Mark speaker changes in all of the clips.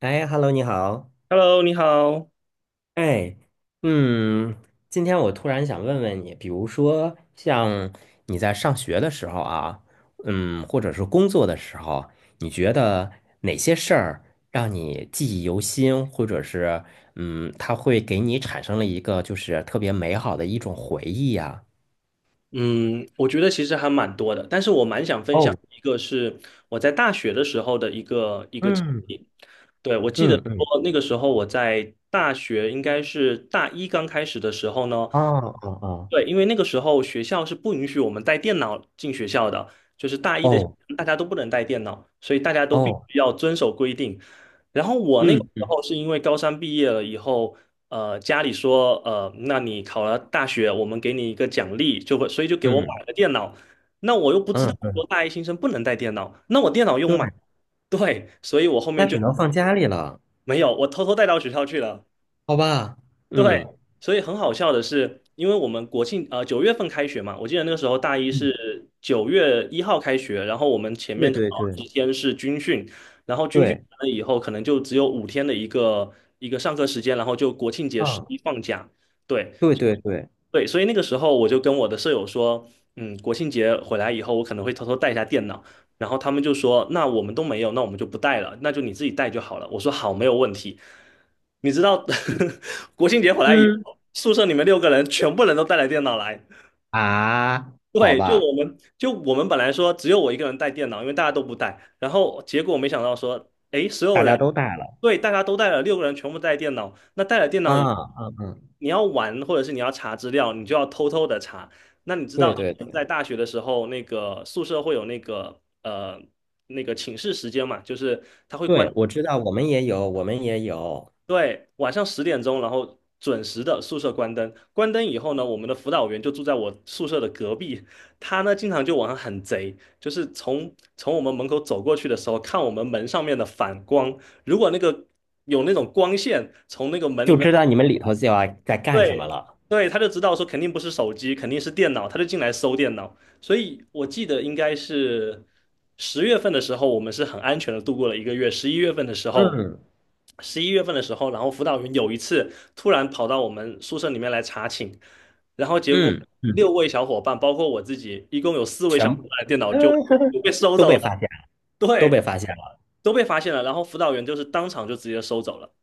Speaker 1: 哎，Hello，你好。
Speaker 2: Hello，你好。
Speaker 1: 哎，嗯，今天我突然想问问你，比如说像你在上学的时候啊，或者是工作的时候，你觉得哪些事儿让你记忆犹新，或者是它会给你产生了一个就是特别美好的一种回忆呀？
Speaker 2: 嗯，我觉得其实还蛮多的，但是我蛮想分享
Speaker 1: 哦，
Speaker 2: 一个是我在大学的时候的一个经
Speaker 1: 嗯
Speaker 2: 历。对，我记得
Speaker 1: 嗯嗯，
Speaker 2: 说那个时候我在大学应该是大一刚开始的时候呢，
Speaker 1: 啊啊啊，
Speaker 2: 对，因为那个时候学校是不允许我们带电脑进学校的，就是大一的
Speaker 1: 哦
Speaker 2: 大家都不能带电脑，所以大家都必
Speaker 1: 哦，
Speaker 2: 须要遵守规定。然后我那个时
Speaker 1: 嗯
Speaker 2: 候是因为高三毕业了以后，家里说，那你考了大学，我们给你一个奖励，就会，所以就给我买
Speaker 1: 嗯
Speaker 2: 了电脑。那我又不知道
Speaker 1: 嗯
Speaker 2: 说
Speaker 1: 嗯，
Speaker 2: 大一新生不能带电脑，那我电脑又
Speaker 1: 对，
Speaker 2: 买，对，所以我后
Speaker 1: 那
Speaker 2: 面
Speaker 1: 只
Speaker 2: 就
Speaker 1: 能放家里了，
Speaker 2: 没有，我偷偷带到学校去了。
Speaker 1: 好吧？
Speaker 2: 对，
Speaker 1: 嗯。
Speaker 2: 所以很好笑的是，因为我们国庆9月份开学嘛，我记得那个时候大一
Speaker 1: 嗯，
Speaker 2: 是9月1号开学，然后我们前
Speaker 1: 对
Speaker 2: 面刚
Speaker 1: 对
Speaker 2: 好
Speaker 1: 对
Speaker 2: 几天是军训，然后军训
Speaker 1: 对，
Speaker 2: 完了以后，可能就只有5天的一个上课时间，然后就国庆节十
Speaker 1: 嗯，
Speaker 2: 一放假。对，
Speaker 1: 对对对
Speaker 2: 对，所以那个时候我就跟我的舍友说，嗯，国庆节回来以后，我可能会偷偷带一下电脑。然后他们就说，那我们都没有，那我们就不带了，那就你自己带就好了。我说好，没有问题。你知道，国庆节回来以
Speaker 1: 嗯，
Speaker 2: 后，宿舍里面六个人全部人都带了电脑来，
Speaker 1: 啊，好
Speaker 2: 对，就
Speaker 1: 吧，
Speaker 2: 我们就我们本来说只有我一个人带电脑，因为大家都不带，然后结果没想到说，诶，所有
Speaker 1: 大家
Speaker 2: 人，
Speaker 1: 都带了，
Speaker 2: 对，大家都带了，六个人全部带电脑，那带了电脑以
Speaker 1: 啊嗯嗯，
Speaker 2: 你要玩或者是你要查资料，你就要偷偷的查。那你知道
Speaker 1: 对
Speaker 2: 以
Speaker 1: 对
Speaker 2: 前
Speaker 1: 对
Speaker 2: 在大学的时候，那个宿舍会有那个那个寝室时间嘛，就是
Speaker 1: 对，我知道，我们也有，我们也有，
Speaker 2: 对，晚上十点钟，然后准时的宿舍关灯。关灯以后呢，我们的辅导员就住在我宿舍的隔壁。他呢，经常就晚上很贼，就是从我们门口走过去的时候，看我们门上面的反光。如果那个有那种光线从那个门里
Speaker 1: 就
Speaker 2: 面
Speaker 1: 知道你们里头就要在干什么
Speaker 2: 对，
Speaker 1: 了，
Speaker 2: 对，他就知道说肯定不是手机，肯定是电脑，他就进来搜电脑。所以我记得应该是10月份的时候，我们是很安全的度过了一个月。十一月份的时候，
Speaker 1: 嗯
Speaker 2: 然后辅导员有一次突然跑到我们宿舍里面来查寝，然后结果
Speaker 1: 嗯嗯，
Speaker 2: 6位小伙伴，包括我自己，一共有4位小
Speaker 1: 全
Speaker 2: 伙
Speaker 1: 部
Speaker 2: 伴的电脑
Speaker 1: 嗯
Speaker 2: 就被收
Speaker 1: 都
Speaker 2: 走
Speaker 1: 被
Speaker 2: 了，
Speaker 1: 发都被
Speaker 2: 对，
Speaker 1: 发现了。
Speaker 2: 都被发现了。然后辅导员就是当场就直接收走了。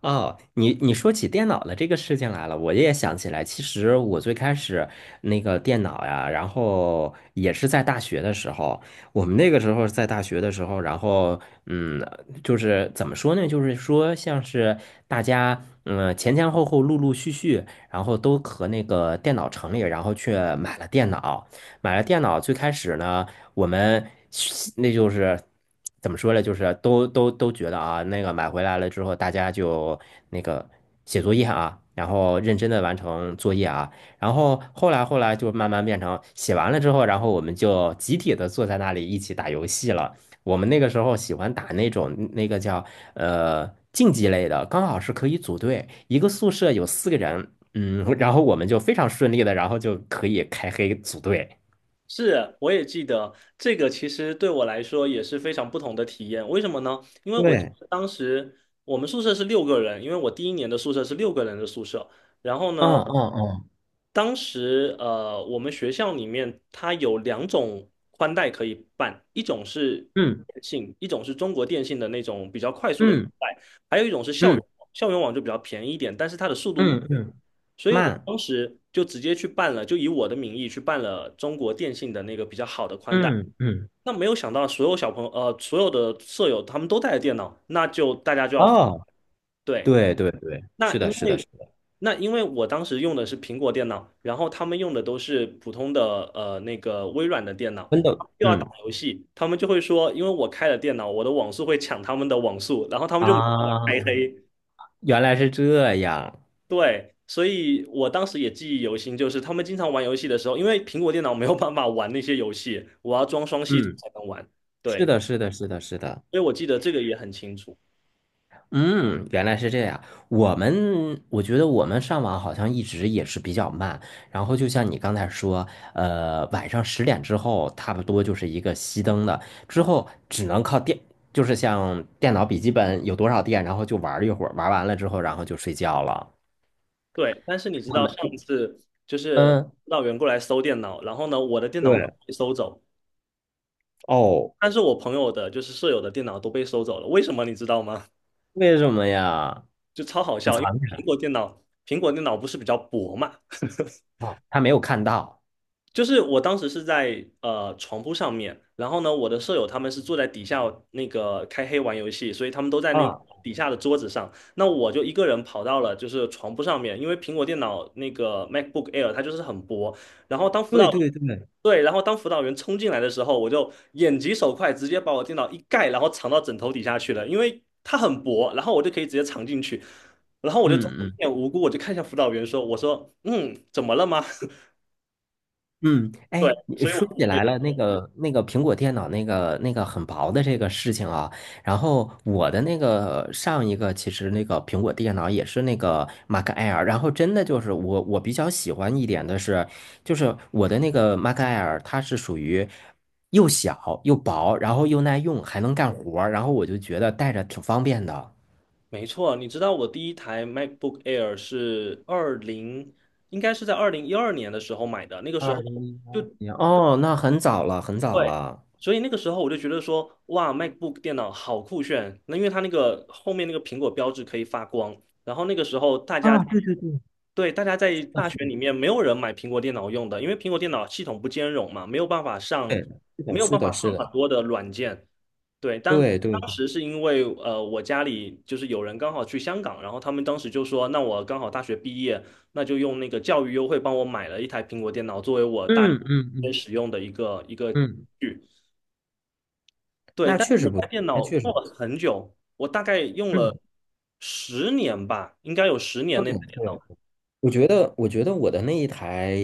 Speaker 1: 哦，你说起电脑的这个事情来了，我也想起来。其实我最开始那个电脑呀，然后也是在大学的时候。我们那个时候在大学的时候，然后嗯，就是怎么说呢？就是说像是大家前前后后陆陆续续，然后都和那个电脑城里，然后去买了电脑。最开始呢。我们那就是怎么说呢？就是都觉得啊，那个买回来了之后，大家就那个写作业啊，然后认真的完成作业啊，然后后来就慢慢变成写完了之后，然后我们就集体的坐在那里一起打游戏了。我们那个时候喜欢打那种那个叫竞技类的，刚好是可以组队，一个宿舍有4个人，然后我们就非常顺利的，然后就可以开黑组队。
Speaker 2: 是，我也记得这个，其实对我来说也是非常不同的体验。为什么呢？因为我记
Speaker 1: 对，
Speaker 2: 得当时我们宿舍是六个人，因为我第一年的宿舍是六个人的宿舍。然后
Speaker 1: 嗯
Speaker 2: 呢，
Speaker 1: 嗯嗯，
Speaker 2: 当时我们学校里面它有两种宽带可以办，一种是
Speaker 1: 嗯
Speaker 2: 电信，一种是中国电信的那种比较快速的宽
Speaker 1: 嗯
Speaker 2: 带，还有一种是校
Speaker 1: 嗯
Speaker 2: 园网校园网就比较便宜一点，但是它的速度慢，
Speaker 1: 嗯嗯，
Speaker 2: 所以我
Speaker 1: 慢，
Speaker 2: 当时就直接去办了，就以我的名义去办了中国电信的那个比较好的宽带。
Speaker 1: 嗯嗯，
Speaker 2: 那没有想到，所有小朋友，呃，所有的舍友他们都带着电脑，那就大家就要
Speaker 1: 哦，
Speaker 2: 对。
Speaker 1: 对对对，
Speaker 2: 那
Speaker 1: 是
Speaker 2: 因
Speaker 1: 的，是的，
Speaker 2: 为
Speaker 1: 是的，
Speaker 2: 那因为我当时用的是苹果电脑，然后他们用的都是普通的那个微软的电脑，
Speaker 1: 真的，
Speaker 2: 又要打
Speaker 1: 嗯
Speaker 2: 游戏，他们就会说，因为我开了电脑，我的网速会抢他们的网速，然后他们就把我
Speaker 1: 啊，
Speaker 2: 开黑。
Speaker 1: 原来是这样，
Speaker 2: 对，所以我当时也记忆犹新，就是他们经常玩游戏的时候，因为苹果电脑没有办法玩那些游戏，我要装双系统
Speaker 1: 嗯，
Speaker 2: 才能玩。
Speaker 1: 是
Speaker 2: 对，
Speaker 1: 的，是的，是的，是的，
Speaker 2: 所以我记得这个也很清楚。
Speaker 1: 嗯，原来是这样。我觉得我们上网好像一直也是比较慢，然后就像你刚才说，晚上10点之后差不多就是一个熄灯的，之后只能靠电，就是像电脑笔记本有多少电，然后就玩儿一会儿，玩完了之后然后就睡觉了。
Speaker 2: 对，但是你知
Speaker 1: 我
Speaker 2: 道
Speaker 1: 们
Speaker 2: 上一次就是
Speaker 1: 嗯，
Speaker 2: 辅导员过来搜电脑，然后呢，我的电脑
Speaker 1: 对，
Speaker 2: 被搜走，
Speaker 1: 哦，
Speaker 2: 但是我朋友的，就是舍友的电脑都被收走了。为什么你知道吗？
Speaker 1: 为什么呀？
Speaker 2: 就超好
Speaker 1: 你
Speaker 2: 笑，
Speaker 1: 藏
Speaker 2: 因为
Speaker 1: 起
Speaker 2: 苹
Speaker 1: 来
Speaker 2: 果电脑，苹果电脑不是比较薄嘛，
Speaker 1: 啊？他没有看到
Speaker 2: 就是我当时是在床铺上面，然后呢，我的舍友他们是坐在底下那个开黑玩游戏，所以他们都在那
Speaker 1: 啊？
Speaker 2: 底下的桌子上。那我就一个人跑到了就是床铺上面，因为苹果电脑那个 MacBook Air 它就是很薄。然后当辅
Speaker 1: 对
Speaker 2: 导
Speaker 1: 对对，
Speaker 2: 对，然后当辅导员冲进来的时候，我就眼疾手快，直接把我电脑一盖，然后藏到枕头底下去了，因为它很薄，然后我就可以直接藏进去。然后我
Speaker 1: 嗯
Speaker 2: 就装作一
Speaker 1: 嗯
Speaker 2: 脸无辜，我就看向辅导员说："我说，嗯，怎么了吗？"
Speaker 1: 嗯，哎，
Speaker 2: 对，
Speaker 1: 你
Speaker 2: 所以我。
Speaker 1: 说起来了，那个苹果电脑那个很薄的这个事情啊，然后我的那个上一个其实那个苹果电脑也是那个 Mac Air，然后真的就是我比较喜欢一点的是，就是我的那个 Mac Air 它是属于又小又薄，然后又耐用，还能干活儿，然后我就觉得带着挺方便的。
Speaker 2: 没错，你知道我第一台 MacBook Air 是二零，应该是在2012年的时候买的。那个时候
Speaker 1: 二零一八
Speaker 2: 就
Speaker 1: 年，哦，那很早了，很早
Speaker 2: 对，
Speaker 1: 了。
Speaker 2: 所以那个时候我就觉得说，哇，MacBook 电脑好酷炫。那因为它那个后面那个苹果标志可以发光，然后那个时候大家对，大家在
Speaker 1: 那
Speaker 2: 大学
Speaker 1: 是
Speaker 2: 里面没有人买苹果电脑用的，因为苹果电脑系统不兼容嘛，没有办法上，
Speaker 1: 对的，是的，
Speaker 2: 没有
Speaker 1: 是
Speaker 2: 办
Speaker 1: 的，
Speaker 2: 法
Speaker 1: 是
Speaker 2: 上很
Speaker 1: 的，
Speaker 2: 多的软件。对，当
Speaker 1: 对对
Speaker 2: 当
Speaker 1: 对
Speaker 2: 时是因为我家里就是有人刚好去香港，然后他们当时就说，那我刚好大学毕业，那就用那个教育优惠帮我买了一台苹果电脑，作为我大
Speaker 1: 嗯嗯
Speaker 2: 学
Speaker 1: 嗯
Speaker 2: 使用的一个
Speaker 1: 嗯
Speaker 2: 具。对，
Speaker 1: 那
Speaker 2: 但是
Speaker 1: 确实
Speaker 2: 那
Speaker 1: 不
Speaker 2: 台
Speaker 1: 错，
Speaker 2: 电
Speaker 1: 那
Speaker 2: 脑
Speaker 1: 确实
Speaker 2: 用
Speaker 1: 不错。
Speaker 2: 了很久，我大概用
Speaker 1: 嗯
Speaker 2: 了十年吧，应该有十年
Speaker 1: 嗯，
Speaker 2: 那。
Speaker 1: 对，我觉得我的那一台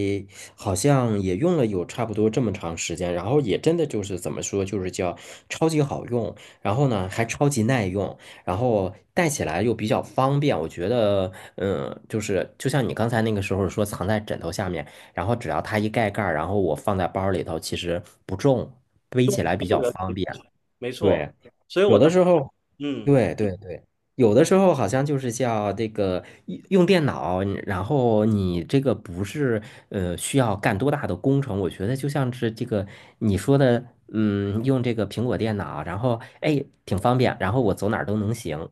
Speaker 1: 好像也用了有差不多这么长时间，然后也真的就是怎么说，就是叫超级好用，然后呢还超级耐用，然后带起来又比较方便。我觉得，就是就像你刚才那个时候说藏在枕头下面，然后只要它一盖盖儿，然后我放在包里头，其实不重，背起来比
Speaker 2: 没有
Speaker 1: 较
Speaker 2: 人可
Speaker 1: 方
Speaker 2: 以
Speaker 1: 便。
Speaker 2: 发现没错。
Speaker 1: 对，
Speaker 2: 所以我
Speaker 1: 有的
Speaker 2: 当，
Speaker 1: 时候，
Speaker 2: 嗯，
Speaker 1: 对对对，有的时候好像就是叫这个用用电脑，然后你这个不是需要干多大的工程，我觉得就像是这个你说的，用这个苹果电脑，然后哎挺方便，然后我走哪儿都能行。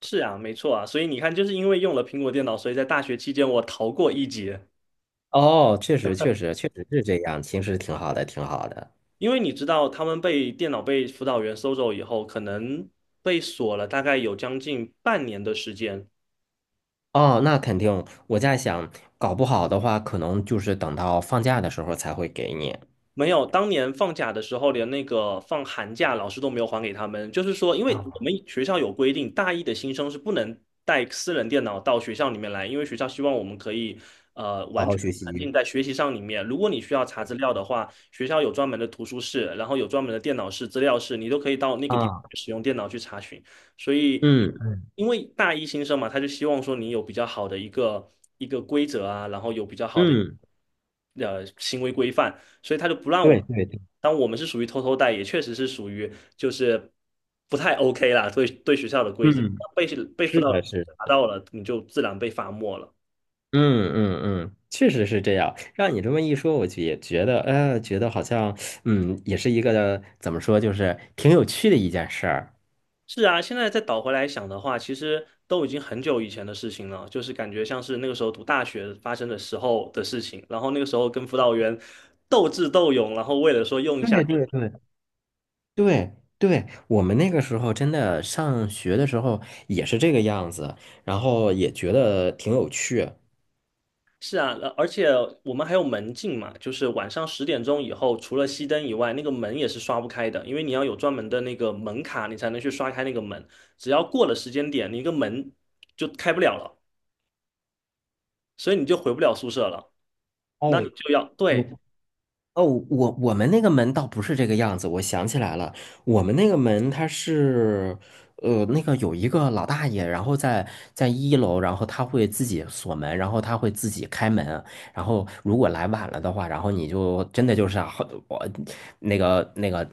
Speaker 2: 是啊，没错啊。所以你看，就是因为用了苹果电脑，所以在大学期间我逃过一劫。
Speaker 1: 哦，确实确实确实是这样，其实挺好的，挺好的。
Speaker 2: 因为你知道，他们被电脑被辅导员收走以后，可能被锁了大概有将近半年的时间。
Speaker 1: 哦，那肯定，我在想，搞不好的话，可能就是等到放假的时候才会给你。
Speaker 2: 没有，当年放假的时候，连那个放寒假，老师都没有还给他们。就是说，因为我
Speaker 1: 啊，
Speaker 2: 们学校有规定，大一的新生是不能带私人电脑到学校里面来，因为学校希望我们可以
Speaker 1: 好
Speaker 2: 完
Speaker 1: 好
Speaker 2: 全
Speaker 1: 学
Speaker 2: 沉
Speaker 1: 习。
Speaker 2: 浸在学习上里面。如果你需要查资料的话，学校有专门的图书室，然后有专门的电脑室、资料室，你都可以到那个地方
Speaker 1: 啊。
Speaker 2: 使用电脑去查询。所以，
Speaker 1: 嗯
Speaker 2: 因为大一新生嘛，他就希望说你有比较好的一个一个规则啊，然后有比较好的。
Speaker 1: 嗯，
Speaker 2: 行为规范，所以他就不让我
Speaker 1: 对
Speaker 2: 们。
Speaker 1: 对对，
Speaker 2: 当我们是属于偷偷带，也确实是属于就是不太 OK 啦，对学校的规则
Speaker 1: 嗯
Speaker 2: 被被辅
Speaker 1: 是
Speaker 2: 导
Speaker 1: 的，
Speaker 2: 员
Speaker 1: 是的，
Speaker 2: 查到了，你就自然被罚没了。
Speaker 1: 嗯嗯嗯，确实是这样。让你这么一说，我就也觉得，觉得好像，也是一个怎么说，就是挺有趣的一件事儿。
Speaker 2: 是啊，现在再倒回来想的话，其实都已经很久以前的事情了，就是感觉像是那个时候读大学发生的时候的事情，然后那个时候跟辅导员斗智斗勇，然后为了说用一
Speaker 1: 对
Speaker 2: 下。
Speaker 1: 对对，对对，我们那个时候真的上学的时候也是这个样子，然后也觉得挺有趣。
Speaker 2: 是啊，而且我们还有门禁嘛，就是晚上十点钟以后，除了熄灯以外，那个门也是刷不开的，因为你要有专门的那个门卡，你才能去刷开那个门。只要过了时间点，你一个门就开不了了，所以你就回不了宿舍了。那
Speaker 1: 哦，
Speaker 2: 你就要，对，
Speaker 1: 我哦，我们那个门倒不是这个样子，我想起来了，我们那个门它是，那个有一个老大爷，然后在一楼，然后他会自己锁门，然后他会自己开门，然后如果来晚了的话，然后你就真的就是啊好我那个那个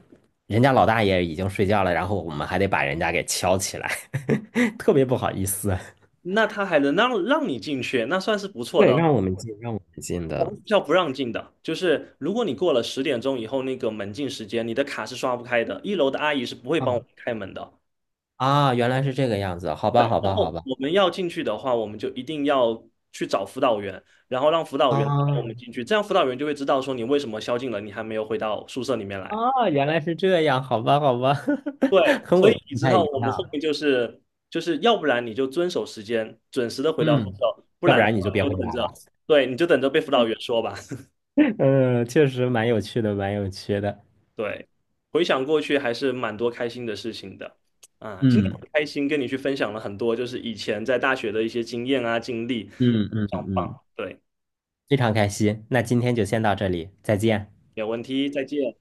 Speaker 1: 人家老大爷已经睡觉了，然后我们还得把人家给敲起来，特别不好意思。
Speaker 2: 那他还能让你进去，那算是不错
Speaker 1: 对，
Speaker 2: 的。
Speaker 1: 让我们进，让我们进
Speaker 2: 我
Speaker 1: 的。
Speaker 2: 们学校不让进的，就是如果你过了十点钟以后那个门禁时间，你的卡是刷不开的，一楼的阿姨是不会帮我
Speaker 1: 嗯
Speaker 2: 们开门的。
Speaker 1: 啊，原来是这个样子，好
Speaker 2: 对，
Speaker 1: 吧，好
Speaker 2: 然
Speaker 1: 吧，好
Speaker 2: 后
Speaker 1: 吧。
Speaker 2: 我们要进去的话，我们就一定要去找辅导员，然后让辅导员带我们
Speaker 1: 啊。
Speaker 2: 进去，这样辅导员就会知道说你为什么宵禁了，你还没有回到宿舍里面来。
Speaker 1: 哦，原来是这样，好吧，好吧，
Speaker 2: 对，
Speaker 1: 和
Speaker 2: 所
Speaker 1: 我
Speaker 2: 以
Speaker 1: 们
Speaker 2: 你
Speaker 1: 不
Speaker 2: 知
Speaker 1: 太一
Speaker 2: 道我们后面
Speaker 1: 样。
Speaker 2: 就是要不然你就遵守时间，准时的回到宿
Speaker 1: 嗯，
Speaker 2: 舍，不
Speaker 1: 要不
Speaker 2: 然的
Speaker 1: 然你就
Speaker 2: 话
Speaker 1: 别
Speaker 2: 你
Speaker 1: 回
Speaker 2: 就等
Speaker 1: 来
Speaker 2: 着，
Speaker 1: 了。
Speaker 2: 对，你就等着被辅导员说吧。
Speaker 1: 嗯，确实蛮有趣的，蛮有趣的。
Speaker 2: 对，回想过去还是蛮多开心的事情的啊，今天很
Speaker 1: 嗯
Speaker 2: 开心跟你去分享了很多就是以前在大学的一些经验啊经历，非
Speaker 1: 嗯嗯
Speaker 2: 常棒。
Speaker 1: 嗯，
Speaker 2: 对，
Speaker 1: 非常开心。那今天就先到这里，再见。
Speaker 2: 没有问题，再见。